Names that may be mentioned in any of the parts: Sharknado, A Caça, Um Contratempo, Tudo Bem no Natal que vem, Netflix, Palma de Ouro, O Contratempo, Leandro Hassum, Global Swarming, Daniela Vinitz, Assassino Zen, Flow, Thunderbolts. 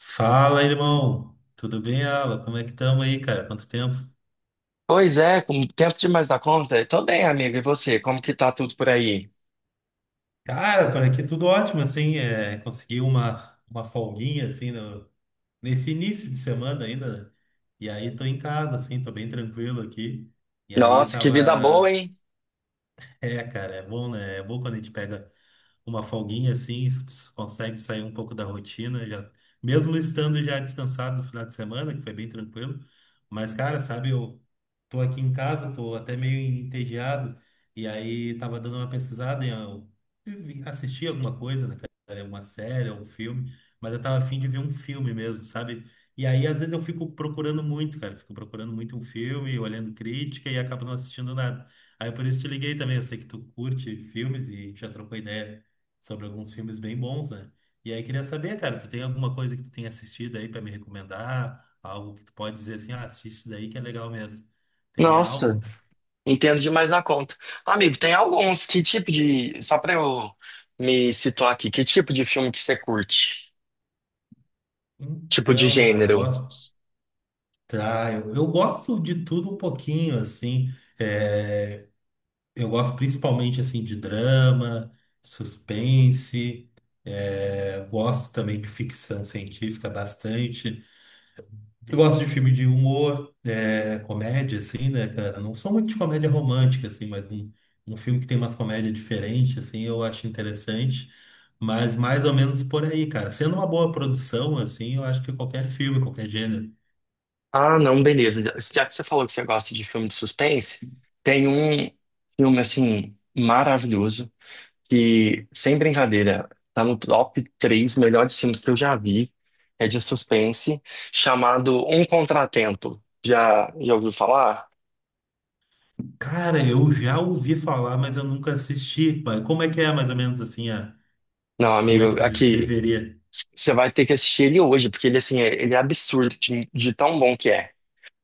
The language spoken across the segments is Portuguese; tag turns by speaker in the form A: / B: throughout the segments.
A: Fala, irmão. Tudo bem, Alan? Como é que estamos aí, cara? Quanto tempo?
B: Pois é, com tempo demais da conta. Tô bem, amigo. E você? Como que tá tudo por aí?
A: Cara, por aqui tudo ótimo, assim. É, consegui uma folguinha, assim, nesse início de semana ainda. E aí tô em casa, assim, tô bem tranquilo aqui. E aí
B: Nossa, que vida boa,
A: tava.
B: hein?
A: É, cara, é bom, né? É bom quando a gente pega uma folguinha assim, consegue sair um pouco da rotina, já, mesmo estando já descansado no final de semana, que foi bem tranquilo. Mas, cara, sabe, eu tô aqui em casa, tô até meio entediado, e aí tava dando uma pesquisada em eu assistir alguma coisa, né, cara, uma série, um filme, mas eu tava a fim de ver um filme mesmo, sabe? E aí, às vezes, eu fico procurando muito, cara. Fico procurando muito um filme, olhando crítica e acabo não assistindo nada. Aí, por isso, te liguei também. Eu sei que tu curte filmes e já trocou ideia sobre alguns filmes bem bons, né? E aí queria saber, cara, tu tem alguma coisa que tu tem assistido aí pra me recomendar? Algo que tu pode dizer assim, ah, assiste isso daí que é legal mesmo. Teria
B: Nossa,
A: algo?
B: entendo demais da conta. Amigo, tem alguns. Que tipo de. Só pra eu me situar aqui, que tipo de filme que você curte? Tipo de
A: Então, cara, eu
B: gênero?
A: gosto. Tá, eu gosto de tudo um pouquinho, assim. É, eu gosto principalmente assim de drama, suspense, eu gosto também de ficção científica bastante. Eu gosto de filme de humor, é, comédia, assim, né, cara? Não sou muito de comédia romântica, assim, mas um filme que tem umas comédias diferentes, assim, eu acho interessante. Mas mais ou menos por aí, cara. Sendo uma boa produção, assim, eu acho que qualquer filme, qualquer gênero.
B: Ah, não, beleza. Já que você falou que você gosta de filme de suspense, tem um filme, assim, maravilhoso, que, sem brincadeira, tá no top três melhores filmes que eu já vi, é de suspense, chamado Um Contratempo. Já ouviu falar?
A: Cara, eu já ouvi falar, mas eu nunca assisti. Mas como é que é, mais ou menos, assim,
B: Não,
A: como é que
B: amigo,
A: tu
B: aqui,
A: descreveria?
B: você vai ter que assistir ele hoje, porque ele, assim, ele é absurdo de tão bom que é.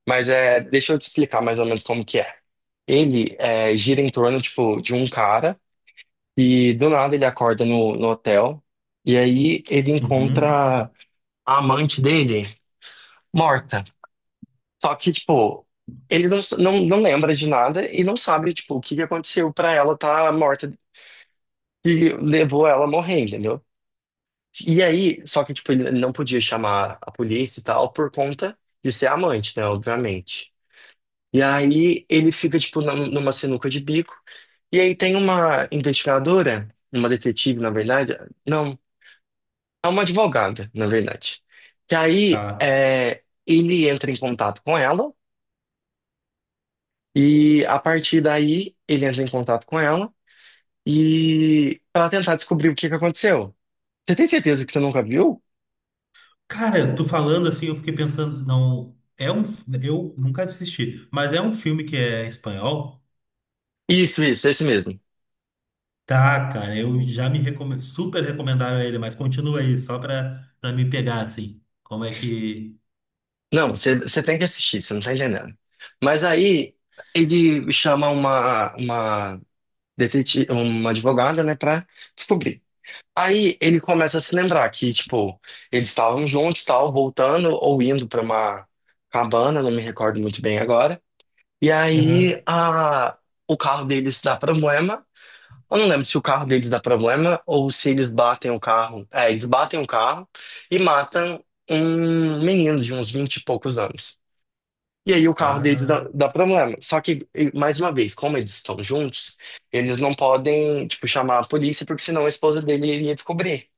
B: Mas é, deixa eu te explicar mais ou menos como que é. Ele é, gira em torno, tipo, de um cara e do nada ele acorda no hotel e aí ele
A: Uhum.
B: encontra a amante dele morta. Só que, tipo, ele não lembra de nada e não sabe, tipo, o que que aconteceu pra ela estar morta, que levou ela a morrer, entendeu? E aí, só que, tipo, ele não podia chamar a polícia e tal por conta de ser amante, né, obviamente. E aí ele fica, tipo, numa sinuca de bico. E aí tem uma investigadora, uma detetive, na verdade, não, é uma advogada, na verdade. Que aí
A: Tá.
B: é, ele entra em contato com ela. E a partir daí, ele entra em contato com ela e ela tentar descobrir o que que aconteceu. Você tem certeza que você nunca viu?
A: Cara, tu falando assim, eu fiquei pensando, não, eu nunca assisti, mas é um filme que é espanhol?
B: Isso, esse mesmo.
A: Tá, cara, eu já super recomendaram ele, mas continua aí, só pra me pegar, assim. Como é que.
B: Não, você tem que assistir, você não tá entendendo. Mas aí ele chama uma detetive, uma advogada, né, pra descobrir. Aí ele começa a se lembrar que, tipo, eles estavam juntos, tal, voltando ou indo pra uma cabana, não me recordo muito bem agora. E aí
A: Aham.
B: o carro deles dá problema. Eu não lembro se o carro deles dá problema ou se eles batem o carro. É, eles batem o carro e matam um menino de uns 20 e poucos anos. E aí o carro deles dá,
A: Ah,
B: dá problema. Só que, mais uma vez, como eles estão juntos, eles não podem, tipo, chamar a polícia, porque senão a esposa dele iria descobrir.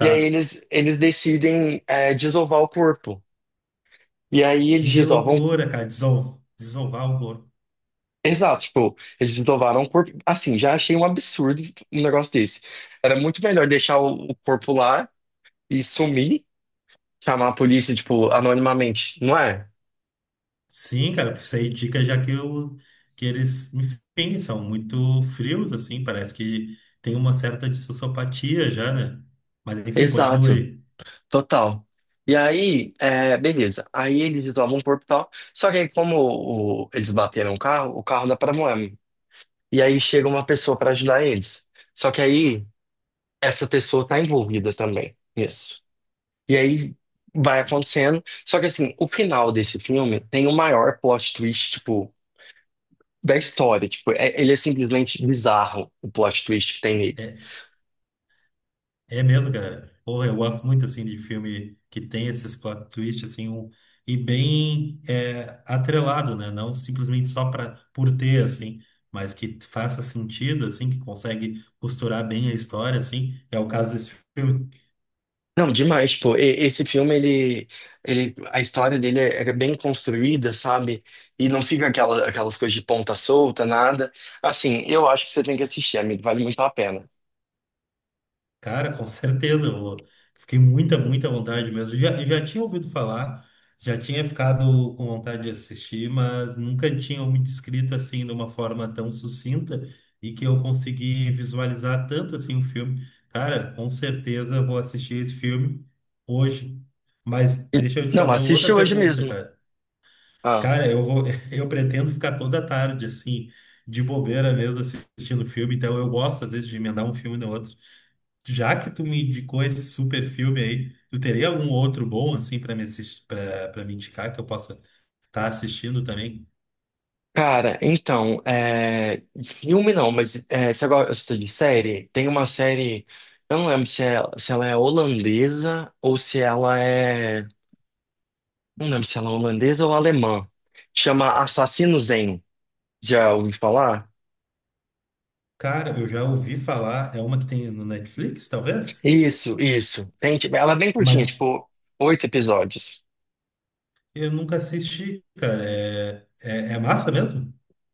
B: E aí eles decidem, é, desovar o corpo. E aí eles
A: Que
B: desovam.
A: loucura, cara, desovar o corpo.
B: Exato, tipo, eles desovaram o corpo. Assim, já achei um absurdo um negócio desse. Era muito melhor deixar o corpo lá e sumir, chamar a polícia, tipo, anonimamente, não é?
A: Sim, cara, isso aí é dica já que eles, enfim, são muito frios, assim, parece que tem uma certa dissociopatia já, né? Mas enfim, continua
B: Exato,
A: aí.
B: total. E aí, é, beleza. Aí eles resolvem o corpo e tal. Só que aí, como eles bateram o carro dá problema. E aí chega uma pessoa pra ajudar eles. Só que aí, essa pessoa tá envolvida também. Isso. E aí vai acontecendo. Só que assim, o final desse filme tem o maior plot twist, tipo, da história. Tipo, ele é simplesmente bizarro, o plot twist que tem nele.
A: É, É mesmo, cara. Porra, eu gosto muito, assim, de filme que tem esses plot twists, assim, e bem atrelado, né? Não simplesmente só pra, por ter, assim, mas que faça sentido, assim, que consegue costurar bem a história, assim. É o caso desse filme.
B: Não, demais, pô. Esse filme, ele, a história dele é bem construída, sabe? E não fica aquelas coisas de ponta solta, nada. Assim, eu acho que você tem que assistir, amigo. Vale muito a pena.
A: Cara, com certeza, eu fiquei muita, muita vontade mesmo. Eu já tinha ouvido falar, já tinha ficado com vontade de assistir, mas nunca tinha me descrito assim de uma forma tão sucinta e que eu consegui visualizar tanto assim o filme. Cara, com certeza vou assistir esse filme hoje. Mas deixa eu te
B: Não,
A: fazer
B: assiste
A: outra
B: hoje
A: pergunta,
B: mesmo.
A: cara.
B: Ah.
A: Cara, eu vou, eu pretendo ficar toda tarde assim, de bobeira mesmo assistindo filme, então eu gosto às vezes de emendar um filme no outro. Já que tu me indicou esse super filme aí, tu teria algum outro bom assim para me assistir, para me indicar que eu possa estar assistindo também?
B: Cara, então, é, de filme não, mas é, você gosta de série? Tem uma série, eu não lembro se, é, se ela é holandesa ou se ela é. Não lembro se ela é holandesa ou alemã. Chama Assassino Zen. Já ouvi falar?
A: Cara, eu já ouvi falar, é uma que tem no Netflix, talvez,
B: Isso, isso. Tem, tipo, ela é bem curtinha,
A: mas
B: tipo, oito episódios.
A: eu nunca assisti, cara. É massa mesmo?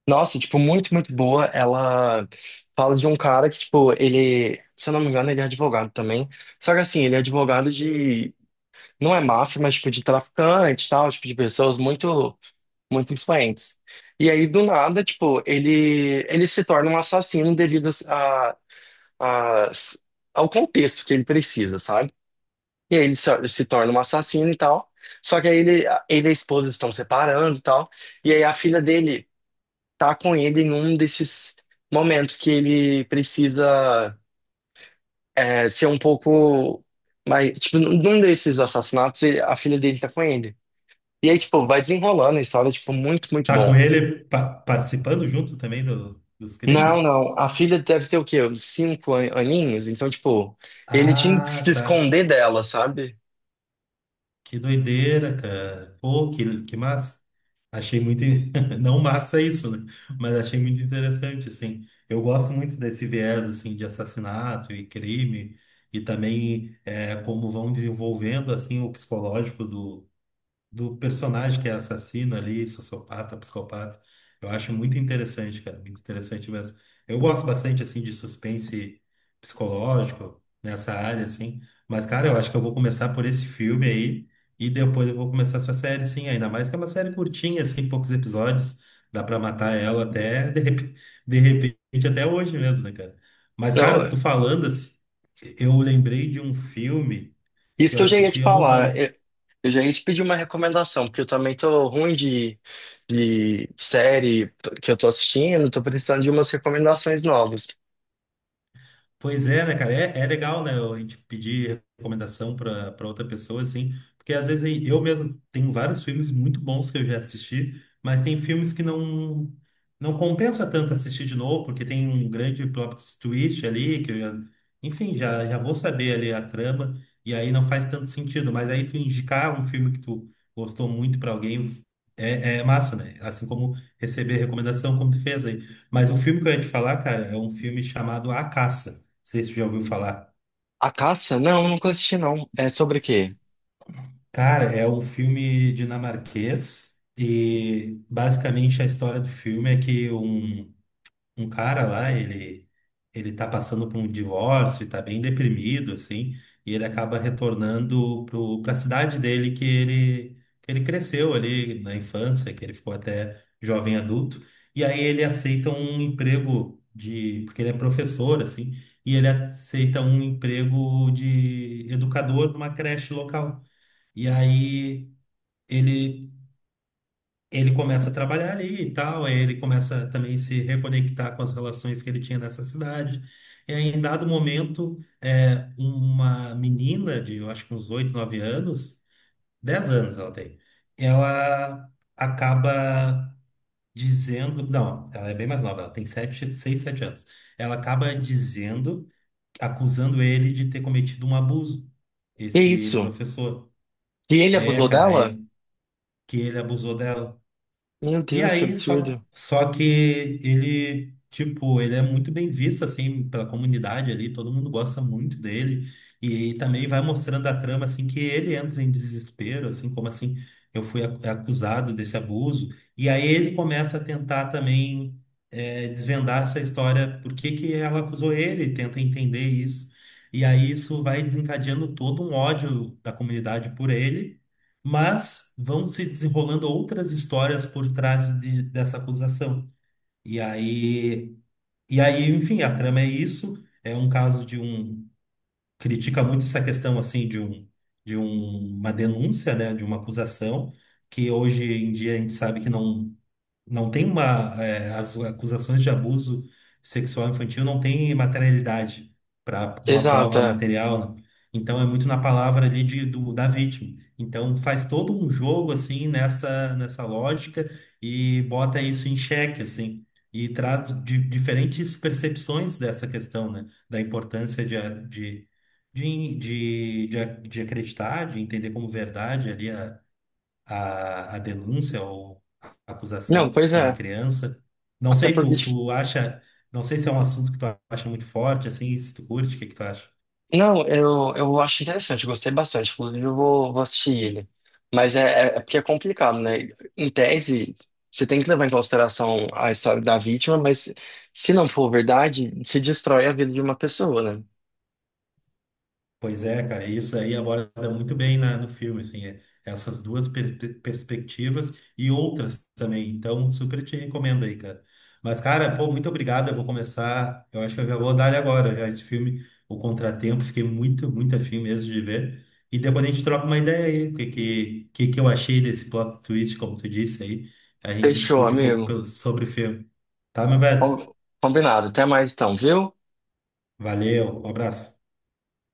B: Nossa, tipo, muito, muito boa. Ela fala de um cara que, tipo, ele, se eu não me engano, ele é advogado também. Só que assim, ele é advogado de não é máfia, mas tipo de traficante, e tal, tipo de pessoas muito muito influentes. E aí do nada, tipo, ele se torna um assassino devido a- ao contexto que ele precisa, sabe? E aí ele se torna um assassino e tal. Só que aí ele e a esposa estão separando e tal. E aí a filha dele tá com ele em um desses momentos que ele precisa é, ser um pouco mais, tipo, num desses assassinatos, a filha dele tá com ele. E aí, tipo, vai desenrolando a história, tipo, muito, muito
A: Tá com
B: bom.
A: ele participando junto também dos
B: Não,
A: crimes?
B: não, a filha deve ter o quê? Uns 5 aninhos? Então, tipo, ele tinha que se
A: Ah, tá.
B: esconder dela, sabe?
A: Que doideira, cara. Pô, que massa. Achei muito. Não massa isso, né? Mas achei muito interessante, assim. Eu gosto muito desse viés, assim, de assassinato e crime, e também como vão desenvolvendo, assim, o psicológico do personagem que é assassino ali, sociopata, psicopata. Eu acho muito interessante, cara, muito interessante mesmo. Eu gosto bastante, assim, de suspense psicológico nessa área, assim. Mas, cara, eu acho que eu vou começar por esse filme aí e depois eu vou começar essa série, sim. Ainda mais que é uma série curtinha, assim, poucos episódios. Dá pra matar ela até, de repente, até hoje mesmo, né, cara? Mas, cara,
B: Não,
A: tu falando assim, eu lembrei de um filme
B: isso
A: que eu
B: que eu já ia te
A: assisti há uns
B: falar.
A: anos.
B: Eu já ia te pedir uma recomendação, porque eu também tô ruim de série que eu tô assistindo, tô precisando de umas recomendações novas.
A: Pois é, né, cara? É legal, né? A gente pedir recomendação para outra pessoa, assim, porque às vezes aí eu mesmo tenho vários filmes muito bons que eu já assisti, mas tem filmes que não compensa tanto assistir de novo, porque tem um grande plot twist ali, que eu já, enfim, já vou saber ali a trama, e aí não faz tanto sentido. Mas aí tu indicar um filme que tu gostou muito para alguém é massa, né? Assim como receber recomendação, como tu fez aí. Mas o filme que eu ia te falar, cara, é um filme chamado A Caça sei se você já ouviu falar.
B: A Caça? Não, eu nunca assisti, não. É sobre o quê?
A: Cara, é um filme dinamarquês e basicamente a história do filme é que um cara lá, ele tá passando por um divórcio e tá bem deprimido assim, e ele acaba retornando pro para a cidade dele que ele cresceu ali na infância, que ele ficou até jovem adulto, e aí ele aceita um emprego de porque ele é professor assim, e ele aceita um emprego de educador numa creche local. E aí ele ele começa a trabalhar ali e tal, aí ele começa também a se reconectar com as relações que ele tinha nessa cidade. E aí, em dado momento, uma menina de, eu acho que uns 8, 9 anos, 10 anos ela tem, ela acaba dizendo, não, ela é bem mais nova, ela tem 7, 6, 7 anos. Ela acaba dizendo, acusando ele de ter cometido um abuso,
B: Que
A: esse
B: isso?
A: professor.
B: E ele
A: É,
B: abusou
A: cara,
B: dela?
A: é que ele abusou dela.
B: Meu
A: E
B: Deus, que
A: aí, só,
B: absurdo.
A: só que ele, tipo, ele é muito bem visto, assim, pela comunidade ali, todo mundo gosta muito dele. E, também vai mostrando a trama, assim, que ele entra em desespero, assim, como assim, eu fui acusado desse abuso. E aí ele começa a tentar também desvendar essa história, por que que ela acusou ele, tenta entender isso. E aí isso vai desencadeando todo um ódio da comunidade por ele. Mas vão se desenrolando outras histórias por trás dessa acusação. E aí, e aí, enfim, a trama é isso. É um caso de um. Critica muito essa questão, assim, uma denúncia, né, de uma acusação, que hoje em dia a gente sabe que não. Não tem uma. As acusações de abuso sexual infantil não tem materialidade para uma
B: Exato,
A: prova
B: é.
A: material, né? Então é muito na palavra ali da vítima. Então faz todo um jogo assim nessa lógica e bota isso em xeque, assim. E traz diferentes percepções dessa questão, né? Da importância de, a- de acreditar, de entender como verdade ali a denúncia ou a
B: Não,
A: acusação
B: pois
A: de uma
B: é.
A: criança. Não
B: Até
A: sei,
B: porque,
A: tu,
B: tipo,
A: tu acha, não sei se é um assunto que tu acha muito forte, assim, se tu curte, o que que tu acha?
B: não, eu acho interessante, eu gostei bastante. Inclusive, eu vou assistir ele. Mas é porque é complicado, né? Em tese, você tem que levar em consideração a história da vítima, mas se não for verdade, se destrói a vida de uma pessoa, né?
A: Pois é, cara, isso aí aborda muito bem no filme, assim, essas duas perspectivas e outras também, então super te recomendo aí, cara. Mas, cara, pô, muito obrigado, eu vou começar, eu acho que eu já vou dar ele agora, já esse filme, O Contratempo, fiquei muito, muito afim mesmo de ver, e depois a gente troca uma ideia aí, o que que eu achei desse plot twist, como tu disse aí, a gente
B: Fechou,
A: discute um pouco
B: amigo.
A: sobre o filme, tá, meu velho?
B: Com- Combinado. Até mais então, viu?
A: Valeu, um abraço.